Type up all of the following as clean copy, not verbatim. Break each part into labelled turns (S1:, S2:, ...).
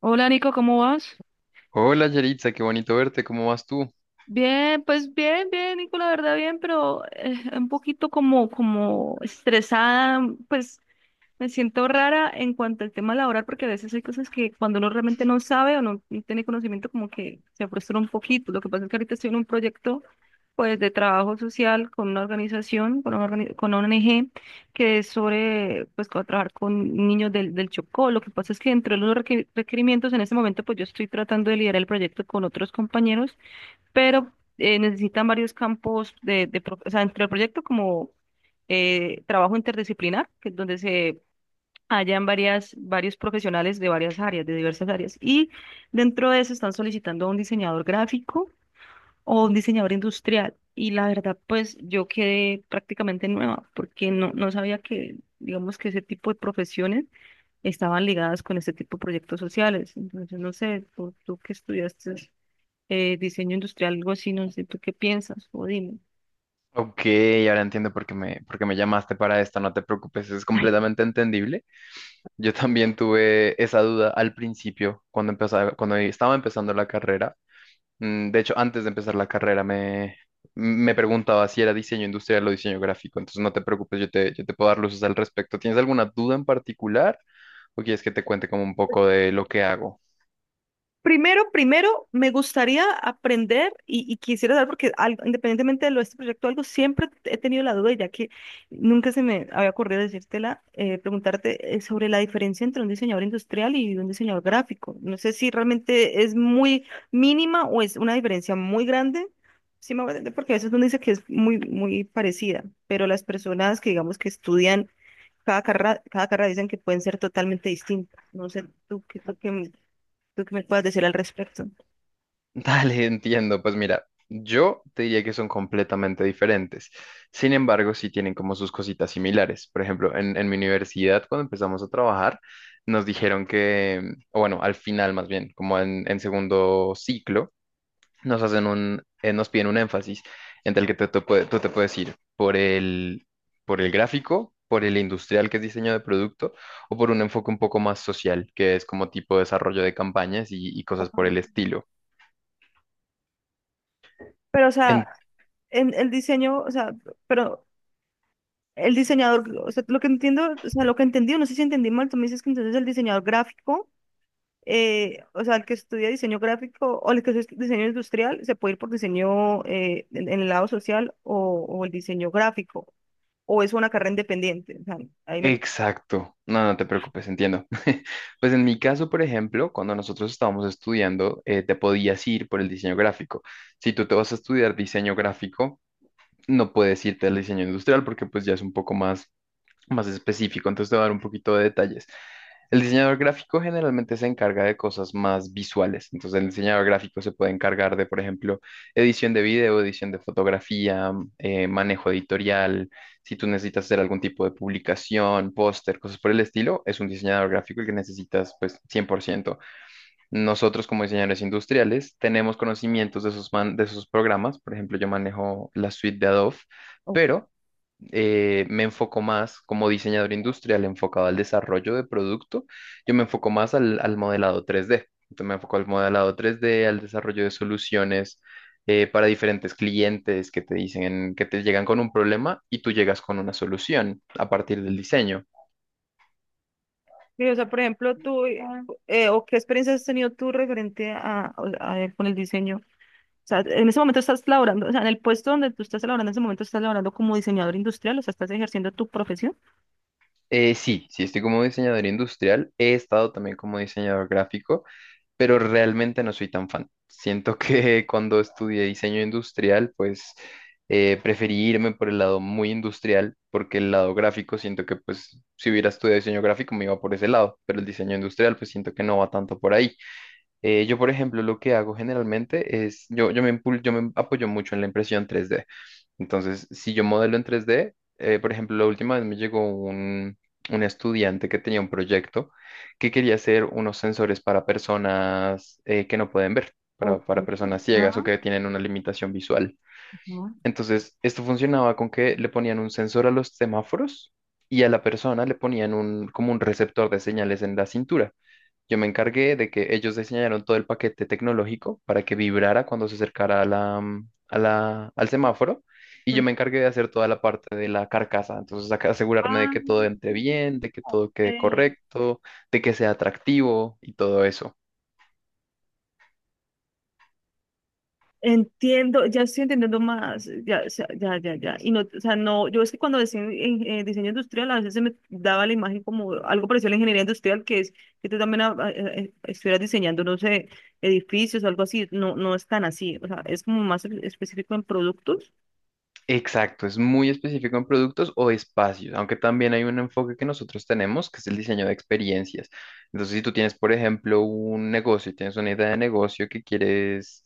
S1: Hola, Nico, ¿cómo vas?
S2: Hola Yaritza, qué bonito verte, ¿cómo vas tú?
S1: Bien, pues bien, bien, Nico, la verdad bien, pero un poquito como, como estresada, pues. Me siento rara en cuanto al tema laboral porque a veces hay cosas que cuando uno realmente no sabe o no tiene conocimiento como que se frustra un poquito. Lo que pasa es que ahorita estoy en un proyecto pues de trabajo social con una organización, con una, con una ONG que es sobre pues trabajar con niños del Chocó. Lo que pasa es que dentro de los requerimientos en este momento pues yo estoy tratando de liderar el proyecto con otros compañeros, pero necesitan varios campos o sea, entre el proyecto como trabajo interdisciplinar, que es donde se hayan varios profesionales de varias áreas, de diversas áreas, y dentro de eso están solicitando a un diseñador gráfico o un diseñador industrial. Y la verdad, pues yo quedé prácticamente nueva porque no sabía que, digamos, que ese tipo de profesiones estaban ligadas con este tipo de proyectos sociales. Entonces, no sé, tú que estudiaste diseño industrial, algo así, no sé, ¿tú qué piensas? O dime.
S2: Ok, ahora entiendo por qué me llamaste para esto, no te preocupes, es completamente entendible. Yo también tuve esa duda al principio, cuando estaba empezando la carrera. Mm, de hecho, antes de empezar la carrera me, me preguntaba si era diseño industrial o diseño gráfico, entonces no te preocupes, yo te puedo dar luces al respecto. ¿Tienes alguna duda en particular o quieres que te cuente como un poco de lo que hago?
S1: Primero, primero, me gustaría aprender y quisiera saber, porque independientemente de lo de este proyecto, algo siempre he tenido la duda, y ya que nunca se me había ocurrido decírtela, preguntarte sobre la diferencia entre un diseñador industrial y un diseñador gráfico. No sé si realmente es muy mínima o es una diferencia muy grande. Sí, me voy a entender, porque a veces uno dice que es muy, muy parecida, pero las personas que digamos que estudian cada carrera dicen que pueden ser totalmente distintas. No sé, tú qué ¿Tú qué me puedes decir al respecto?
S2: Dale, entiendo. Pues mira, yo te diría que son completamente diferentes. Sin embargo, sí tienen como sus cositas similares. Por ejemplo, en mi universidad, cuando empezamos a trabajar, nos dijeron que, o bueno, al final más bien, en segundo ciclo, nos hacen un, nos piden un énfasis entre el que tú te puedes ir por el gráfico, por el industrial, que es diseño de producto, o por un enfoque un poco más social, que es como tipo desarrollo de campañas y cosas por el estilo.
S1: Pero, o sea, en el diseño, o sea, pero el diseñador, o sea, lo que entiendo, o sea, lo que entendí, no sé si entendí mal, tú me dices que entonces el diseñador gráfico, o sea, el que estudia diseño gráfico o el que estudia diseño industrial, se puede ir por diseño en el lado social o el diseño gráfico, o es una carrera independiente. O sea, ahí me...
S2: Exacto. No, no te preocupes, entiendo. Pues en mi caso, por ejemplo, cuando nosotros estábamos estudiando, te podías ir por el diseño gráfico. Si tú te vas a estudiar diseño gráfico, no puedes irte al diseño industrial porque pues ya es un poco más específico, entonces te voy a dar un poquito de detalles. El diseñador gráfico generalmente se encarga de cosas más visuales, entonces el diseñador gráfico se puede encargar de, por ejemplo, edición de video, edición de fotografía, manejo editorial, si tú necesitas hacer algún tipo de publicación, póster, cosas por el estilo, es un diseñador gráfico el que necesitas pues cien por ciento. Nosotros como diseñadores industriales tenemos conocimientos de esos, de esos programas, por ejemplo, yo manejo la suite de Adobe,
S1: Ok.
S2: pero me enfoco más como diseñador industrial enfocado al desarrollo de producto, yo me enfoco más al modelado 3D. Entonces me enfoco al modelado 3D, al desarrollo de soluciones, para diferentes clientes que te dicen, que te llegan con un problema y tú llegas con una solución a partir del diseño.
S1: Sí. O sea, por ejemplo, o qué experiencias has tenido tú referente con el diseño. Sea, en ese momento estás laborando, o sea, en el puesto donde tú estás laborando, en ese momento estás laborando como diseñador industrial, o sea, estás ejerciendo tu profesión.
S2: Sí, sí, estoy como diseñador industrial, he estado también como diseñador gráfico, pero realmente no soy tan fan. Siento que cuando estudié diseño industrial, pues preferí irme por el lado muy industrial, porque el lado gráfico siento que pues si hubiera estudiado diseño gráfico me iba por ese lado, pero el diseño industrial pues siento que no va tanto por ahí. Por ejemplo, lo que hago generalmente es, yo me apoyo mucho en la impresión tres d. Entonces, si yo modelo en 3D, por ejemplo, la última vez me llegó un estudiante que tenía un proyecto que quería hacer unos sensores para personas que no pueden ver,
S1: Ok.
S2: para personas ciegas o
S1: Ah,
S2: que tienen una limitación visual.
S1: ah.
S2: Entonces, esto funcionaba con que le ponían un sensor a los semáforos y a la persona le ponían un, como un receptor de señales en la cintura. Yo me encargué de que ellos diseñaron todo el paquete tecnológico para que vibrara cuando se acercara a la, mm, a la- al semáforo y yo
S1: Pues,
S2: me encargué de hacer toda la parte de la carcasa. Entonces, acá asegurarme de
S1: ah,
S2: que todo entre bien, de que
S1: ok.
S2: todo quede correcto, de que sea atractivo y todo eso.
S1: Entiendo, ya estoy entendiendo más, ya, o sea, ya, ya, ya. Y no, o sea, no, yo es que cuando decía en diseño industrial, a veces se me daba la imagen como algo parecido a la ingeniería industrial, que es que tú también estuvieras diseñando, no sé, edificios o algo así. No, no es tan así, o sea, es como más específico en productos.
S2: Exacto, es muy específico en productos o espacios, aunque también hay un enfoque que nosotros tenemos, que es el diseño de experiencias. Entonces, si tú tienes, por ejemplo, un negocio, y tienes una idea de negocio que quieres,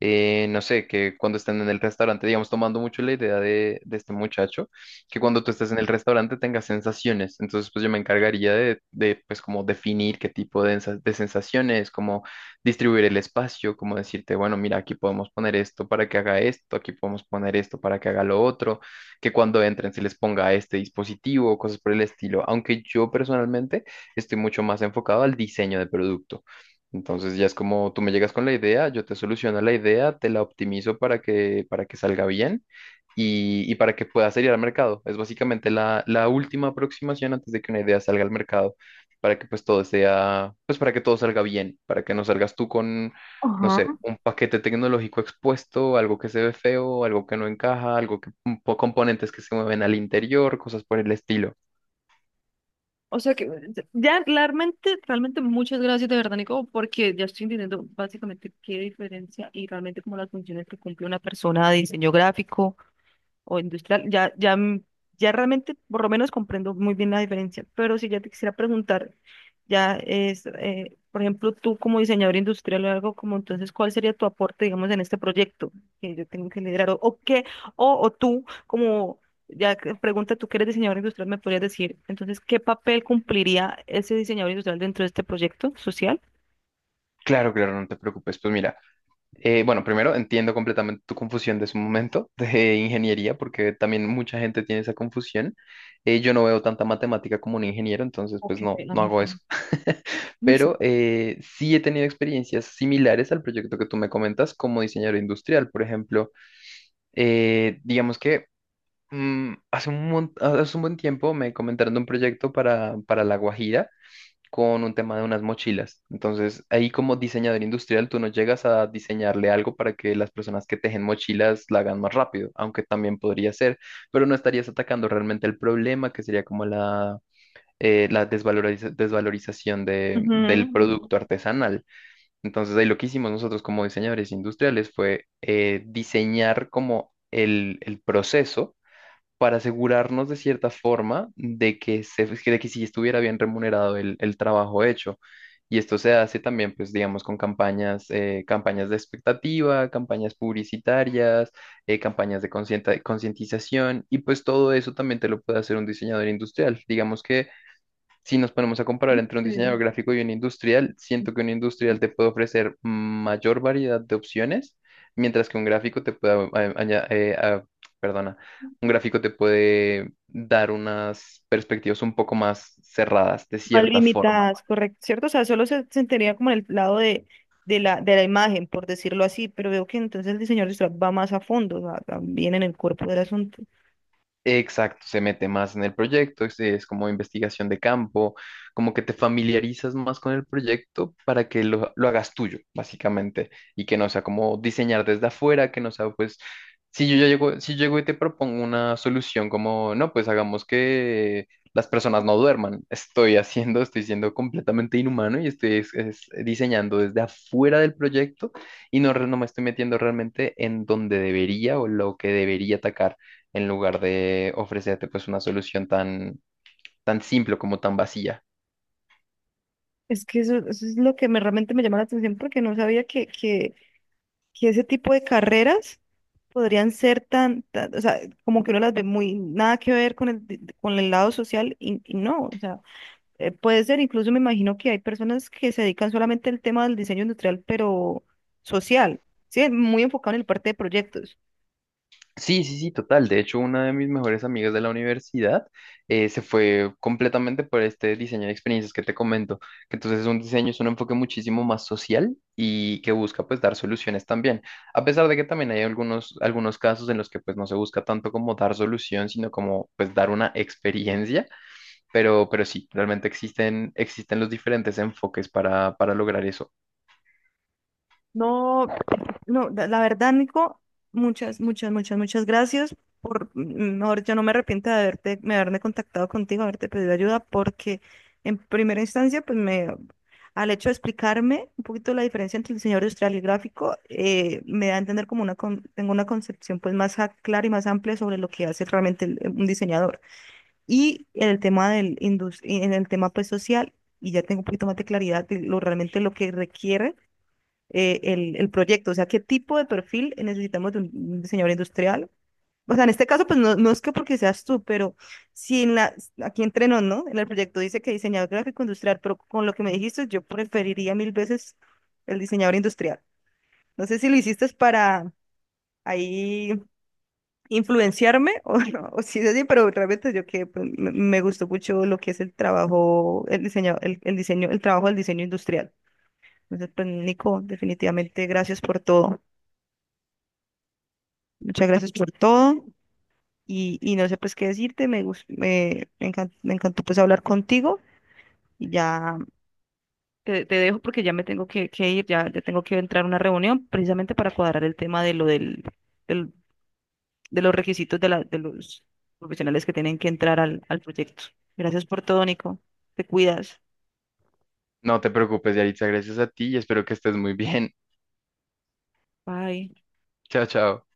S2: no sé, que cuando estén en el restaurante, digamos, tomando mucho la idea de este muchacho, que cuando tú estés en el restaurante tengas sensaciones. Entonces, pues yo me encargaría pues, como definir qué tipo de, de sensaciones, como distribuir el espacio, como decirte, bueno, mira, aquí podemos poner esto para que haga esto, aquí podemos poner esto para que haga lo otro, que cuando entren se les ponga este dispositivo, cosas por el estilo, aunque yo personalmente estoy mucho más enfocado al diseño de producto. Entonces ya es como tú me llegas con la idea, yo te soluciono la idea, te la optimizo para que salga bien y para que pueda salir al mercado. Es básicamente la última aproximación antes de que una idea salga al mercado para que pues todo sea, pues para que todo salga bien, para que no salgas tú con, no sé, un paquete tecnológico expuesto, algo que se ve feo, algo que no encaja, algo que, componentes que se mueven al interior, cosas por el estilo.
S1: O sea que ya realmente, realmente muchas gracias de verdad, Nico, porque ya estoy entendiendo básicamente qué diferencia y realmente como las funciones que cumple una persona de diseño gráfico, o industrial, ya realmente por lo menos comprendo muy bien la diferencia, pero si ya te quisiera preguntar, ya es, por ejemplo, tú como diseñador industrial o algo como, entonces, ¿cuál sería tu aporte, digamos, en este proyecto que yo tengo que liderar? O qué? O tú, como, pregunta, tú que eres diseñador industrial, ¿me podrías decir, entonces, qué papel cumpliría ese diseñador industrial dentro de este proyecto social?
S2: Claro, claro, no te preocupes. Pues mira. Bueno, primero entiendo completamente tu confusión de su momento de ingeniería, porque también mucha gente tiene esa confusión. Yo no veo tanta matemática como un ingeniero, entonces
S1: Ok,
S2: pues no, no
S1: ajá.
S2: hago eso. Pero sí he tenido experiencias similares al proyecto que tú me comentas como diseñador industrial. Por ejemplo, digamos que hace un, hace un buen tiempo me comentaron de un proyecto para La Guajira con un tema de unas mochilas. Entonces, ahí como diseñador industrial, tú no llegas a diseñarle algo para que las personas que tejen mochilas la hagan más rápido, aunque también podría ser, pero no estarías atacando realmente el problema, que sería como la desvalorización del
S1: Ujú.
S2: producto artesanal. Entonces, ahí lo que hicimos nosotros como diseñadores industriales fue, diseñar como el proceso para asegurarnos de cierta forma de de que sí estuviera bien remunerado el trabajo hecho. Y esto se hace también, pues, digamos, con campañas, campañas de expectativa, campañas publicitarias, campañas de concientización, y pues todo eso también te lo puede hacer un diseñador industrial. Digamos que si nos ponemos a comparar entre un diseñador
S1: Sí.
S2: gráfico y un industrial, siento que un industrial te puede ofrecer mayor variedad de opciones, mientras que un gráfico te puede, perdona, un gráfico te puede dar unas perspectivas un poco más cerradas, de
S1: Más
S2: cierta forma.
S1: limitadas, correcto, ¿cierto? O sea, solo se sentiría como en el lado de, de la imagen, por decirlo así, pero veo que entonces el diseñador visual va más a fondo, o sea, también en el cuerpo del asunto.
S2: Exacto, se mete más en el proyecto, es como investigación de campo, como que te familiarizas más con el proyecto para que lo hagas tuyo, básicamente, y que no sea como diseñar desde afuera, que no sea pues, si yo, ya llego, si llego y te propongo una solución como, no, pues hagamos que las personas no duerman, estoy haciendo, estoy siendo completamente inhumano y estoy es diseñando desde afuera del proyecto y no, no me estoy metiendo realmente en donde debería o lo que debería atacar en lugar de ofrecerte pues una solución tan, tan simple como tan vacía.
S1: Es que eso es lo que me, realmente me llama la atención porque no sabía que ese tipo de carreras podrían ser tan, o sea, como que uno las ve muy, nada que ver con el lado social y no, o sea. Puede ser, incluso me imagino que hay personas que se dedican solamente al tema del diseño industrial, pero social, ¿sí? Muy enfocado en el parte de proyectos.
S2: Sí, sí, sí, total. De hecho, una de mis mejores amigas de la universidad, se fue completamente por este diseño de experiencias que te comento, que entonces es un diseño, es un enfoque muchísimo más social y que busca pues dar soluciones también. A pesar de que también hay algunos, algunos casos en los que pues no se busca tanto como dar solución, sino como pues dar una experiencia, pero sí, realmente existen, existen los diferentes enfoques para lograr eso.
S1: No, no, la la verdad, Nico, muchas, muchas, muchas, muchas gracias por, mejor, yo no me arrepiento de haberte, me haberme contactado contigo, haberte pedido ayuda, porque en primera instancia, pues me, al hecho de explicarme un poquito la diferencia entre el diseño industrial y el gráfico, me da a entender como una, tengo una concepción pues más clara y más amplia sobre lo que hace realmente un diseñador. Y en el tema en el tema pues social, y ya tengo un poquito más de claridad de lo realmente lo que requiere el proyecto, o sea, qué tipo de perfil necesitamos de un diseñador industrial. O sea, en este caso, pues no, no es que porque seas tú, pero si en la, aquí entre nos, ¿no? En el proyecto dice que diseñador gráfico industrial, pero con lo que me dijiste, yo preferiría mil veces el diseñador industrial. No sé si lo hiciste para ahí influenciarme o no, o si es así, pero realmente yo que pues, me gustó mucho lo que es el trabajo, el diseño, el diseño, el trabajo del diseño industrial. Entonces, pues, Nico, definitivamente gracias por todo. Muchas gracias por todo y no sé pues qué decirte, me, gus- me encan- me encantó pues hablar contigo y ya te dejo porque ya me tengo que ir, ya, ya tengo que entrar a una reunión precisamente para cuadrar el tema de lo del- de los requisitos de los profesionales que tienen que entrar al, al proyecto. Gracias por todo, Nico. Te cuidas.
S2: No te preocupes, Yaritza, gracias a ti y espero que estés muy bien.
S1: Bye.
S2: Chao, chao.